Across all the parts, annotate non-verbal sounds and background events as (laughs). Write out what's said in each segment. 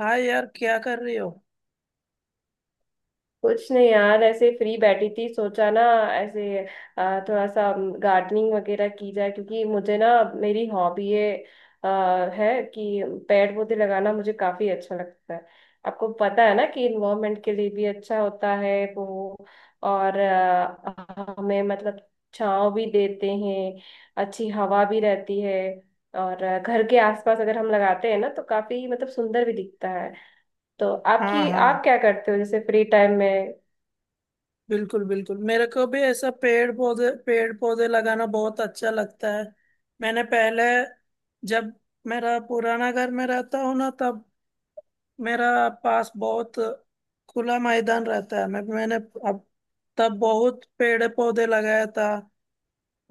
हाँ यार क्या कर रही हो। कुछ नहीं यार, ऐसे फ्री बैठी थी। सोचा ना, ऐसे थोड़ा सा गार्डनिंग वगैरह की जाए, क्योंकि मुझे ना, मेरी हॉबी अ, है कि पेड़ पौधे लगाना मुझे काफी अच्छा लगता है। आपको पता है ना कि इन्वायरमेंट के लिए भी अच्छा होता है वो, और हमें मतलब छांव भी देते हैं, अच्छी हवा भी रहती है। और घर के आसपास अगर हम लगाते हैं ना तो काफी मतलब सुंदर भी दिखता है। तो हाँ आपकी हाँ, आप क्या करते हो जैसे फ्री टाइम में? बिल्कुल बिल्कुल, मेरे को भी ऐसा पेड़ पौधे लगाना बहुत अच्छा लगता है। मैंने पहले, जब मेरा पुराना घर में रहता हूँ ना, तब मेरा पास बहुत खुला मैदान रहता है। मैंने अब तब बहुत पेड़ पौधे लगाया था।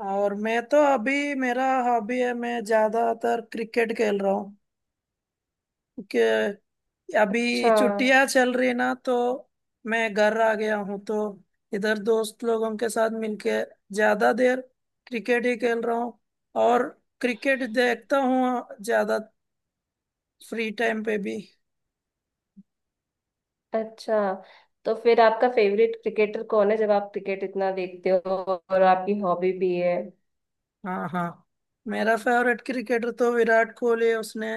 और मैं तो अभी मेरा हॉबी है, मैं ज्यादातर क्रिकेट खेल रहा हूँ। अभी अच्छा। छुट्टियां चल रही ना तो मैं घर आ गया हूँ, तो इधर दोस्त लोगों के साथ मिलके ज्यादा देर क्रिकेट ही खेल रहा हूँ। और क्रिकेट देखता हूँ ज्यादा फ्री टाइम पे भी। अच्छा, तो फिर आपका फेवरेट क्रिकेटर कौन है जब आप क्रिकेट इतना देखते हो और आपकी हॉबी भी है? हाँ हाँ। मेरा फेवरेट क्रिकेटर तो विराट कोहली है। उसने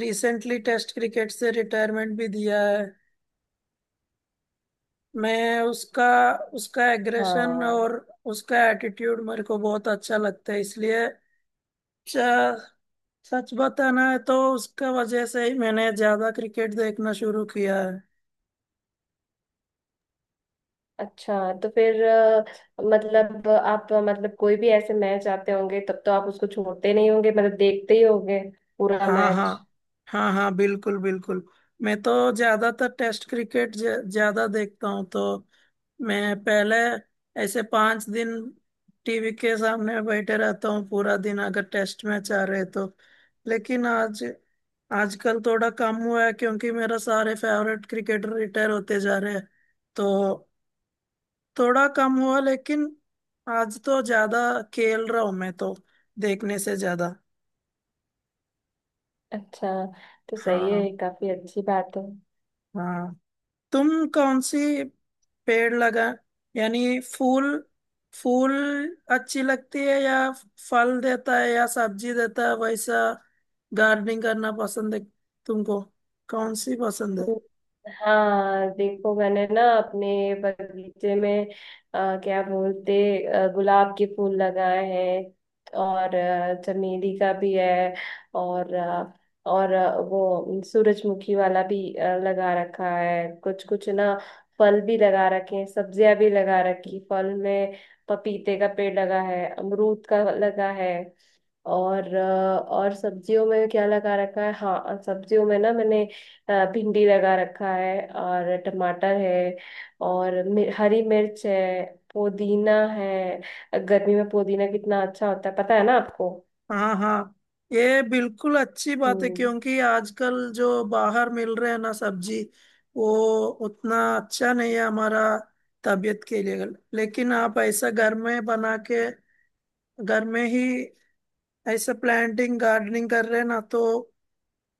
रिसेंटली टेस्ट क्रिकेट से रिटायरमेंट भी दिया है। मैं उसका उसका एग्रेशन हाँ। और उसका एटीट्यूड मेरे को बहुत अच्छा लगता है, इसलिए सच बताना है तो उसका वजह से ही मैंने ज्यादा क्रिकेट देखना शुरू किया है। अच्छा, तो फिर मतलब आप मतलब कोई भी ऐसे मैच आते होंगे तब तो आप उसको छोड़ते नहीं होंगे, मतलब देखते ही होंगे पूरा हाँ हाँ। मैच। हाँ हाँ, बिल्कुल बिल्कुल। मैं तो ज्यादातर टेस्ट क्रिकेट ज्यादा देखता हूँ, तो मैं पहले ऐसे पांच दिन टीवी के सामने बैठे रहता हूँ पूरा दिन, अगर टेस्ट मैच आ रहे तो। लेकिन आज आजकल थोड़ा कम हुआ है क्योंकि मेरा सारे फेवरेट क्रिकेटर रिटायर होते जा रहे हैं, तो थोड़ा कम हुआ। लेकिन आज तो ज्यादा खेल रहा हूं मैं, तो देखने से ज्यादा। अच्छा, तो सही है, हाँ ये काफी अच्छी बात है। हाँ। तुम कौन सी पेड़ लगा, यानी फूल, फूल अच्छी लगती है, या फल देता है या सब्जी देता है, वैसा गार्डनिंग करना पसंद है तुमको? कौन सी पसंद है? हाँ, देखो मैंने ना अपने बगीचे में क्या बोलते, गुलाब के फूल लगाए हैं, और चमेली का भी है। और वो सूरजमुखी वाला भी लगा रखा है कुछ कुछ ना। फल भी लगा रखे हैं, सब्जियां भी लगा रखी। फल में पपीते का पेड़ लगा है, अमरूद का लगा है। और और सब्जियों में क्या लगा रखा है, हाँ, और सब्जियों में ना मैंने भिंडी लगा रखा है और टमाटर है, और हरी मिर्च है, पुदीना है। गर्मी में पुदीना कितना अच्छा होता है, पता है ना आपको। हाँ हाँ, ये बिल्कुल अच्छी बात है, हम्म। क्योंकि आजकल जो बाहर मिल रहे हैं ना सब्जी, वो उतना अच्छा नहीं है हमारा तबीयत के लिए। लेकिन आप ऐसा घर में बना के, घर में ही ऐसा प्लांटिंग गार्डनिंग कर रहे हैं ना, तो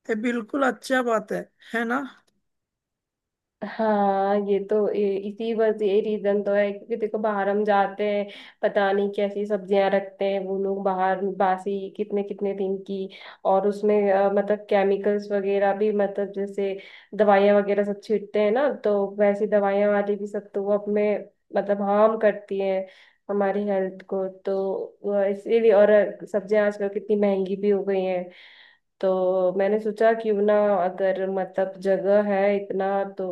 ये बिल्कुल अच्छा बात है ना। हाँ ये तो इसी बस ये रीजन तो है, क्योंकि देखो बाहर हम जाते हैं, पता नहीं कैसी सब्जियां रखते हैं वो लोग, बाहर बासी कितने कितने दिन की। और उसमें मतलब केमिकल्स वगैरह भी, मतलब जैसे दवाइयां वगैरह सब छींटते हैं ना, तो वैसी दवाइयां वाली भी सब, तो वो अपने मतलब हार्म करती हैं हमारी हेल्थ को। तो वो इसीलिए, और सब्जियां आजकल कितनी महंगी भी हो गई हैं। तो मैंने सोचा क्यों ना, अगर मतलब जगह है इतना तो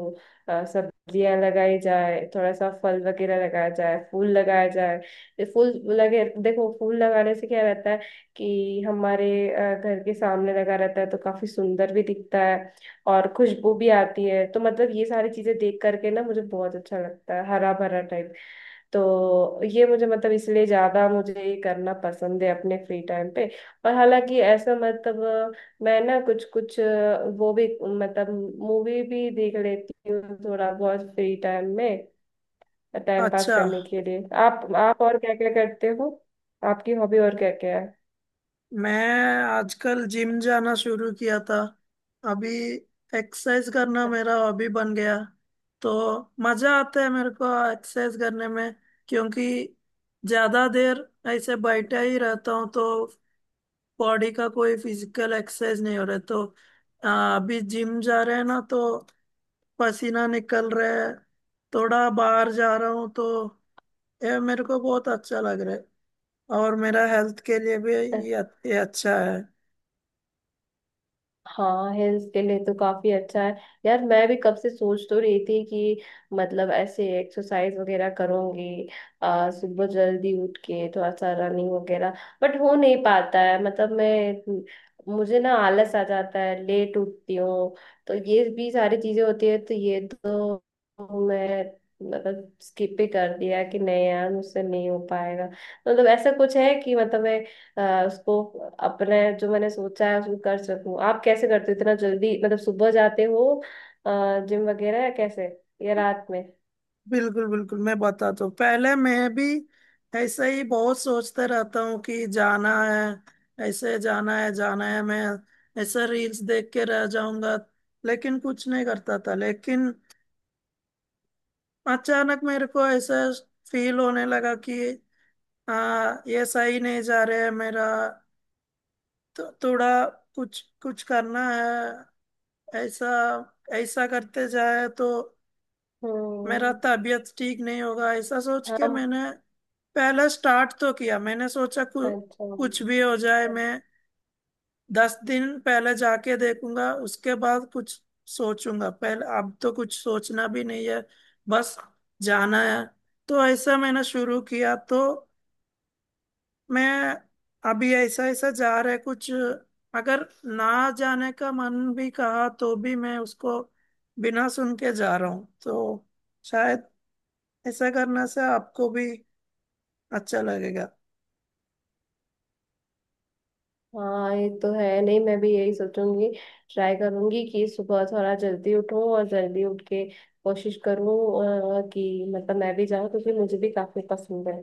सब्जियां लगाई जाए, थोड़ा सा फल वगैरह लगाया जाए, फूल लगाया जाए, ये फूल लगे। देखो फूल लगाने से क्या रहता है कि हमारे घर के सामने लगा रहता है तो काफी सुंदर भी दिखता है, और खुशबू भी आती है। तो मतलब ये सारी चीजें देख करके ना मुझे बहुत अच्छा लगता है, हरा भरा टाइप। तो ये मुझे मतलब इसलिए ज्यादा मुझे ये करना पसंद है अपने फ्री टाइम पे। और हालांकि ऐसा मतलब मैं ना कुछ कुछ वो भी मतलब मूवी भी देख लेती हूँ थोड़ा बहुत फ्री टाइम में। टाइम पास अच्छा। करने के लिए आप और क्या क्या करते हो? आपकी हॉबी और क्या क्या मैं आजकल जिम जाना शुरू किया था, अभी एक्सरसाइज करना मेरा हॉबी बन गया, तो मजा आता है मेरे को एक्सरसाइज करने में। क्योंकि ज्यादा देर ऐसे बैठा ही रहता हूँ, तो बॉडी का कोई फिजिकल एक्सरसाइज नहीं हो रहा है। तो अभी जिम जा रहे हैं ना, तो पसीना निकल रहा है, थोड़ा बाहर जा रहा हूँ, तो ये मेरे को बहुत अच्छा लग रहा है। और मेरा हेल्थ के लिए भी है? ये अच्छा है। हाँ, हेल्थ के लिए तो काफी अच्छा है। यार मैं भी कब से सोच तो रही थी कि मतलब ऐसे एक्सरसाइज वगैरह करूंगी, सुबह जल्दी उठ के थोड़ा सा रनिंग वगैरह, बट हो नहीं पाता है। मतलब मैं, मुझे ना आलस आ जाता है, लेट उठती हूँ। तो ये भी सारी चीजें होती है, तो ये तो मैं मतलब स्किप ही कर दिया कि नहीं यार मुझसे नहीं हो पाएगा। मतलब ऐसा कुछ है कि मतलब मैं उसको अपने जो मैंने सोचा है उसको कर सकूं। आप कैसे करते हो इतना जल्दी, मतलब सुबह जाते हो जिम वगैरह, या कैसे, या रात में? बिल्कुल बिल्कुल, मैं बताता हूँ। पहले मैं भी ऐसे ही बहुत सोचते रहता हूँ कि जाना है, ऐसे जाना है, जाना है, मैं ऐसे रील्स देख के रह जाऊंगा, लेकिन कुछ नहीं करता था। लेकिन अचानक मेरे को ऐसा फील होने लगा कि हाँ, ये सही नहीं जा रहे है मेरा, तो थोड़ा कुछ कुछ करना है। ऐसा ऐसा करते जाए तो मेरा हम्म। तबीयत ठीक नहीं होगा, ऐसा सोच के हम। मैंने पहला स्टार्ट तो किया। मैंने सोचा अच्छा। कुछ भी हो जाए, मैं दस दिन पहले जाके देखूंगा, उसके बाद कुछ सोचूंगा। पहले अब तो कुछ सोचना भी नहीं है, बस जाना है। तो ऐसा मैंने शुरू किया, तो मैं अभी ऐसा ऐसा जा रहा है कुछ। अगर ना जाने का मन भी कहा तो भी मैं उसको बिना सुन के जा रहा हूँ, तो शायद ऐसा करने से आपको भी अच्छा लगेगा। हाँ ये तो है। नहीं मैं भी यही सोचूंगी, ट्राई करूंगी कि सुबह थोड़ा जल्दी उठूं, और जल्दी उठ के कोशिश करूं कि मतलब मैं भी जाऊं, क्योंकि मुझे भी काफी पसंद है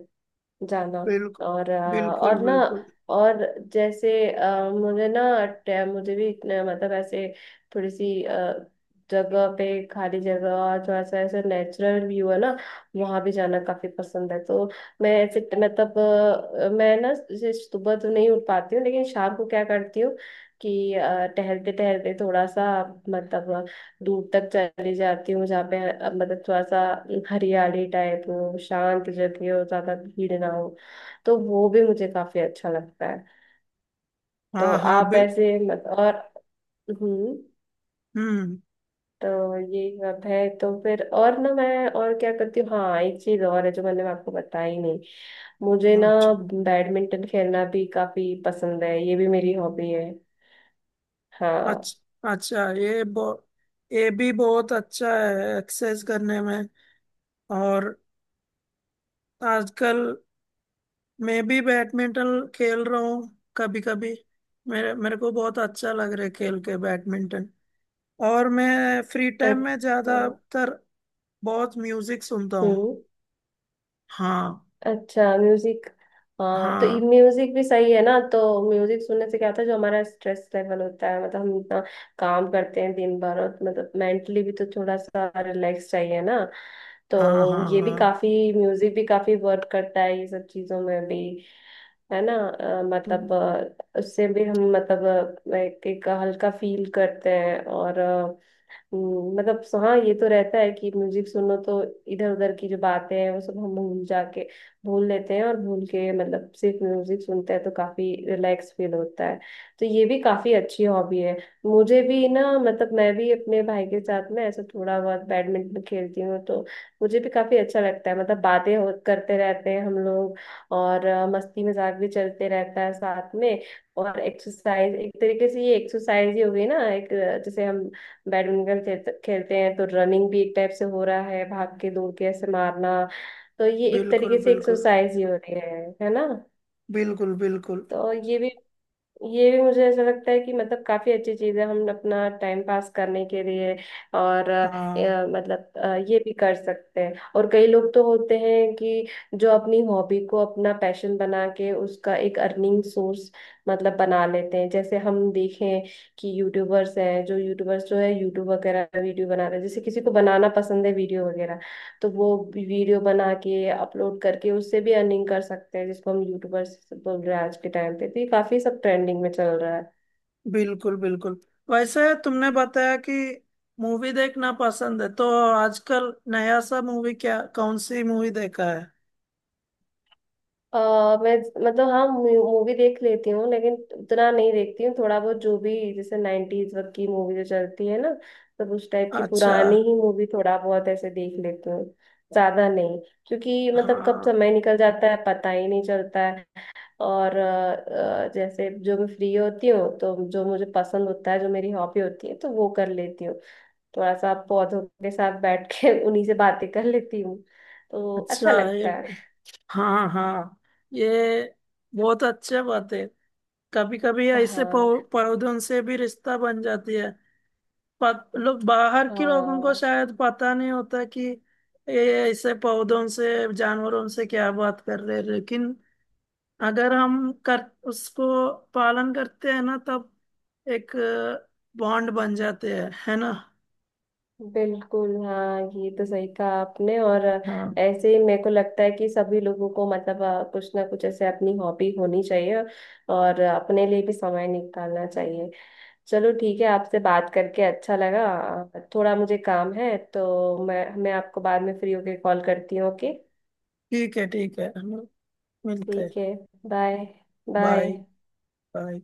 जाना। बिल्कुल और बिल्कुल। और ना, और जैसे मुझे ना मुझे भी इतने मतलब ऐसे थोड़ी सी जगह पे, खाली जगह और थोड़ा सा ऐसे नेचुरल व्यू है ना, वहां भी जाना काफी पसंद है। तो मैं ऐसे मतलब मैं ना जैसे सुबह तो नहीं उठ पाती हूँ, लेकिन शाम को क्या करती हूँ कि टहलते टहलते थोड़ा सा मतलब दूर तक चली जाती हूँ, जहाँ पे मतलब थोड़ा सा हरियाली टाइप हो, शांत जगह हो, ज्यादा भीड़ ना हो। तो वो भी मुझे काफी अच्छा लगता है। तो हाँ हाँ, आप बिल। ऐसे मत। और हम्म। हम्म। तो ये सब है, तो फिर और ना मैं और क्या करती हूँ, हाँ एक चीज और है जो मैंने आपको बताई नहीं, मुझे ना अच्छा बैडमिंटन खेलना भी काफी पसंद है, ये भी मेरी हॉबी है। हाँ। अच्छा। अच्छा ये ये भी बहुत अच्छा है एक्सेस करने में। और आजकल मैं भी बैडमिंटन खेल रहा हूँ कभी कभी, मेरे मेरे को बहुत अच्छा लग रहा है खेल के बैडमिंटन। और मैं फ्री टाइम में अच्छा। ज्यादातर बहुत म्यूजिक सुनता हूँ। हम्म। हाँ अच्छा म्यूजिक। हाँ तो ये हाँ। म्यूजिक भी सही है ना, तो म्यूजिक सुनने से क्या होता है, जो हमारा स्ट्रेस लेवल होता है, मतलब हम इतना काम करते हैं दिन भर, और मतलब मेंटली भी तो थोड़ा सा रिलैक्स चाहिए ना। हाँ तो हाँ ये भी हाँ। काफी, म्यूजिक भी काफी वर्क करता है ये सब चीजों में भी, है ना। मतलब उससे भी हम मतलब एक हल्का फील करते हैं, और मतलब हाँ ये तो रहता है कि म्यूजिक सुनो तो इधर उधर की जो बातें हैं वो सब हम भूल जाके भूल लेते हैं, और भूल के मतलब सिर्फ म्यूजिक सुनते हैं तो काफी रिलैक्स फील होता है। तो ये भी काफी अच्छी हॉबी है। मुझे भी ना मतलब मैं भी अपने भाई के साथ में ऐसा थोड़ा बहुत बैडमिंटन खेलती हूँ, तो मुझे भी काफी अच्छा लगता है। मतलब बातें हो करते रहते हैं हम लोग, और मस्ती मजाक भी चलते रहता है साथ में। और एक्सरसाइज एक तरीके से ये एक्सरसाइज ही हो गई ना, एक जैसे हम बैडमिंटन खेलते खेलते हैं तो रनिंग भी एक टाइप से हो रहा है, भाग के दौड़ के ऐसे मारना, तो ये एक बिल्कुल तरीके से बिल्कुल। एक्सरसाइज ही हो रही है ना। बिल्कुल बिल्कुल। तो ये भी मुझे ऐसा लगता है कि मतलब काफी अच्छी चीज है हम अपना टाइम पास करने के लिए। और हाँ, मतलब ये भी कर सकते हैं। और कई लोग तो होते हैं कि जो अपनी हॉबी को अपना पैशन बना के उसका एक अर्निंग सोर्स मतलब बना लेते हैं। जैसे हम देखें कि यूट्यूबर्स हैं, जो यूट्यूबर्स जो है यूट्यूब वगैरह वीडियो बनाते हैं, जैसे किसी को बनाना पसंद है वीडियो वगैरह, तो वो भी वीडियो बना के अपलोड करके उससे भी अर्निंग कर सकते हैं, जिसको हम यूट्यूबर्स बोल रहे हैं आज के टाइम पे। तो ये काफी सब ट्रेंडिंग में चल रहा है। बिल्कुल बिल्कुल। वैसे तुमने बताया कि मूवी देखना पसंद है, तो आजकल नया सा मूवी क्या, कौन सी मूवी देखा है? अ, मैं मतलब हाँ मूवी देख लेती हूँ, लेकिन उतना नहीं देखती हूँ। थोड़ा बहुत जो भी जैसे नाइन्टीज वक्त की मूवी जो चलती है ना, तब उस टाइप की अच्छा। पुरानी ही मूवी थोड़ा बहुत ऐसे देख लेती हूँ, ज्यादा नहीं, क्योंकि मतलब कब हाँ। समय निकल जाता है पता ही नहीं चलता है। और जैसे जो मैं फ्री होती हूँ तो जो मुझे पसंद होता है, जो मेरी हॉबी होती है तो वो कर लेती हूँ, थोड़ा सा पौधों के साथ बैठ के (laughs) उन्हीं से बातें कर लेती हूँ, तो अच्छा अच्छा ये, लगता है। हाँ हाँ, ये बहुत अच्छे बात है। कभी कभी ऐसे हाँ पौधों से भी रिश्ता बन जाती है। लोग बाहर के लोगों को हाँ, शायद पता नहीं होता कि ये ऐसे पौधों से जानवरों से क्या बात कर रहे हैं। लेकिन अगर हम कर, उसको पालन करते हैं ना, तब एक बॉन्ड बन जाते हैं, है ना। बिल्कुल। हाँ ये तो सही कहा आपने। और हाँ। ऐसे ही मेरे को लगता है कि सभी लोगों को मतलब कुछ ना कुछ ऐसे अपनी हॉबी होनी चाहिए, और अपने लिए भी समय निकालना चाहिए। चलो ठीक है, आपसे बात करके अच्छा लगा, थोड़ा मुझे काम है तो मैं आपको बाद में फ्री होके कॉल करती हूँ, ओके। ठीक है ठीक है, हम लोग मिलते हैं। ठीक है। बाय। बाय। Bye bye.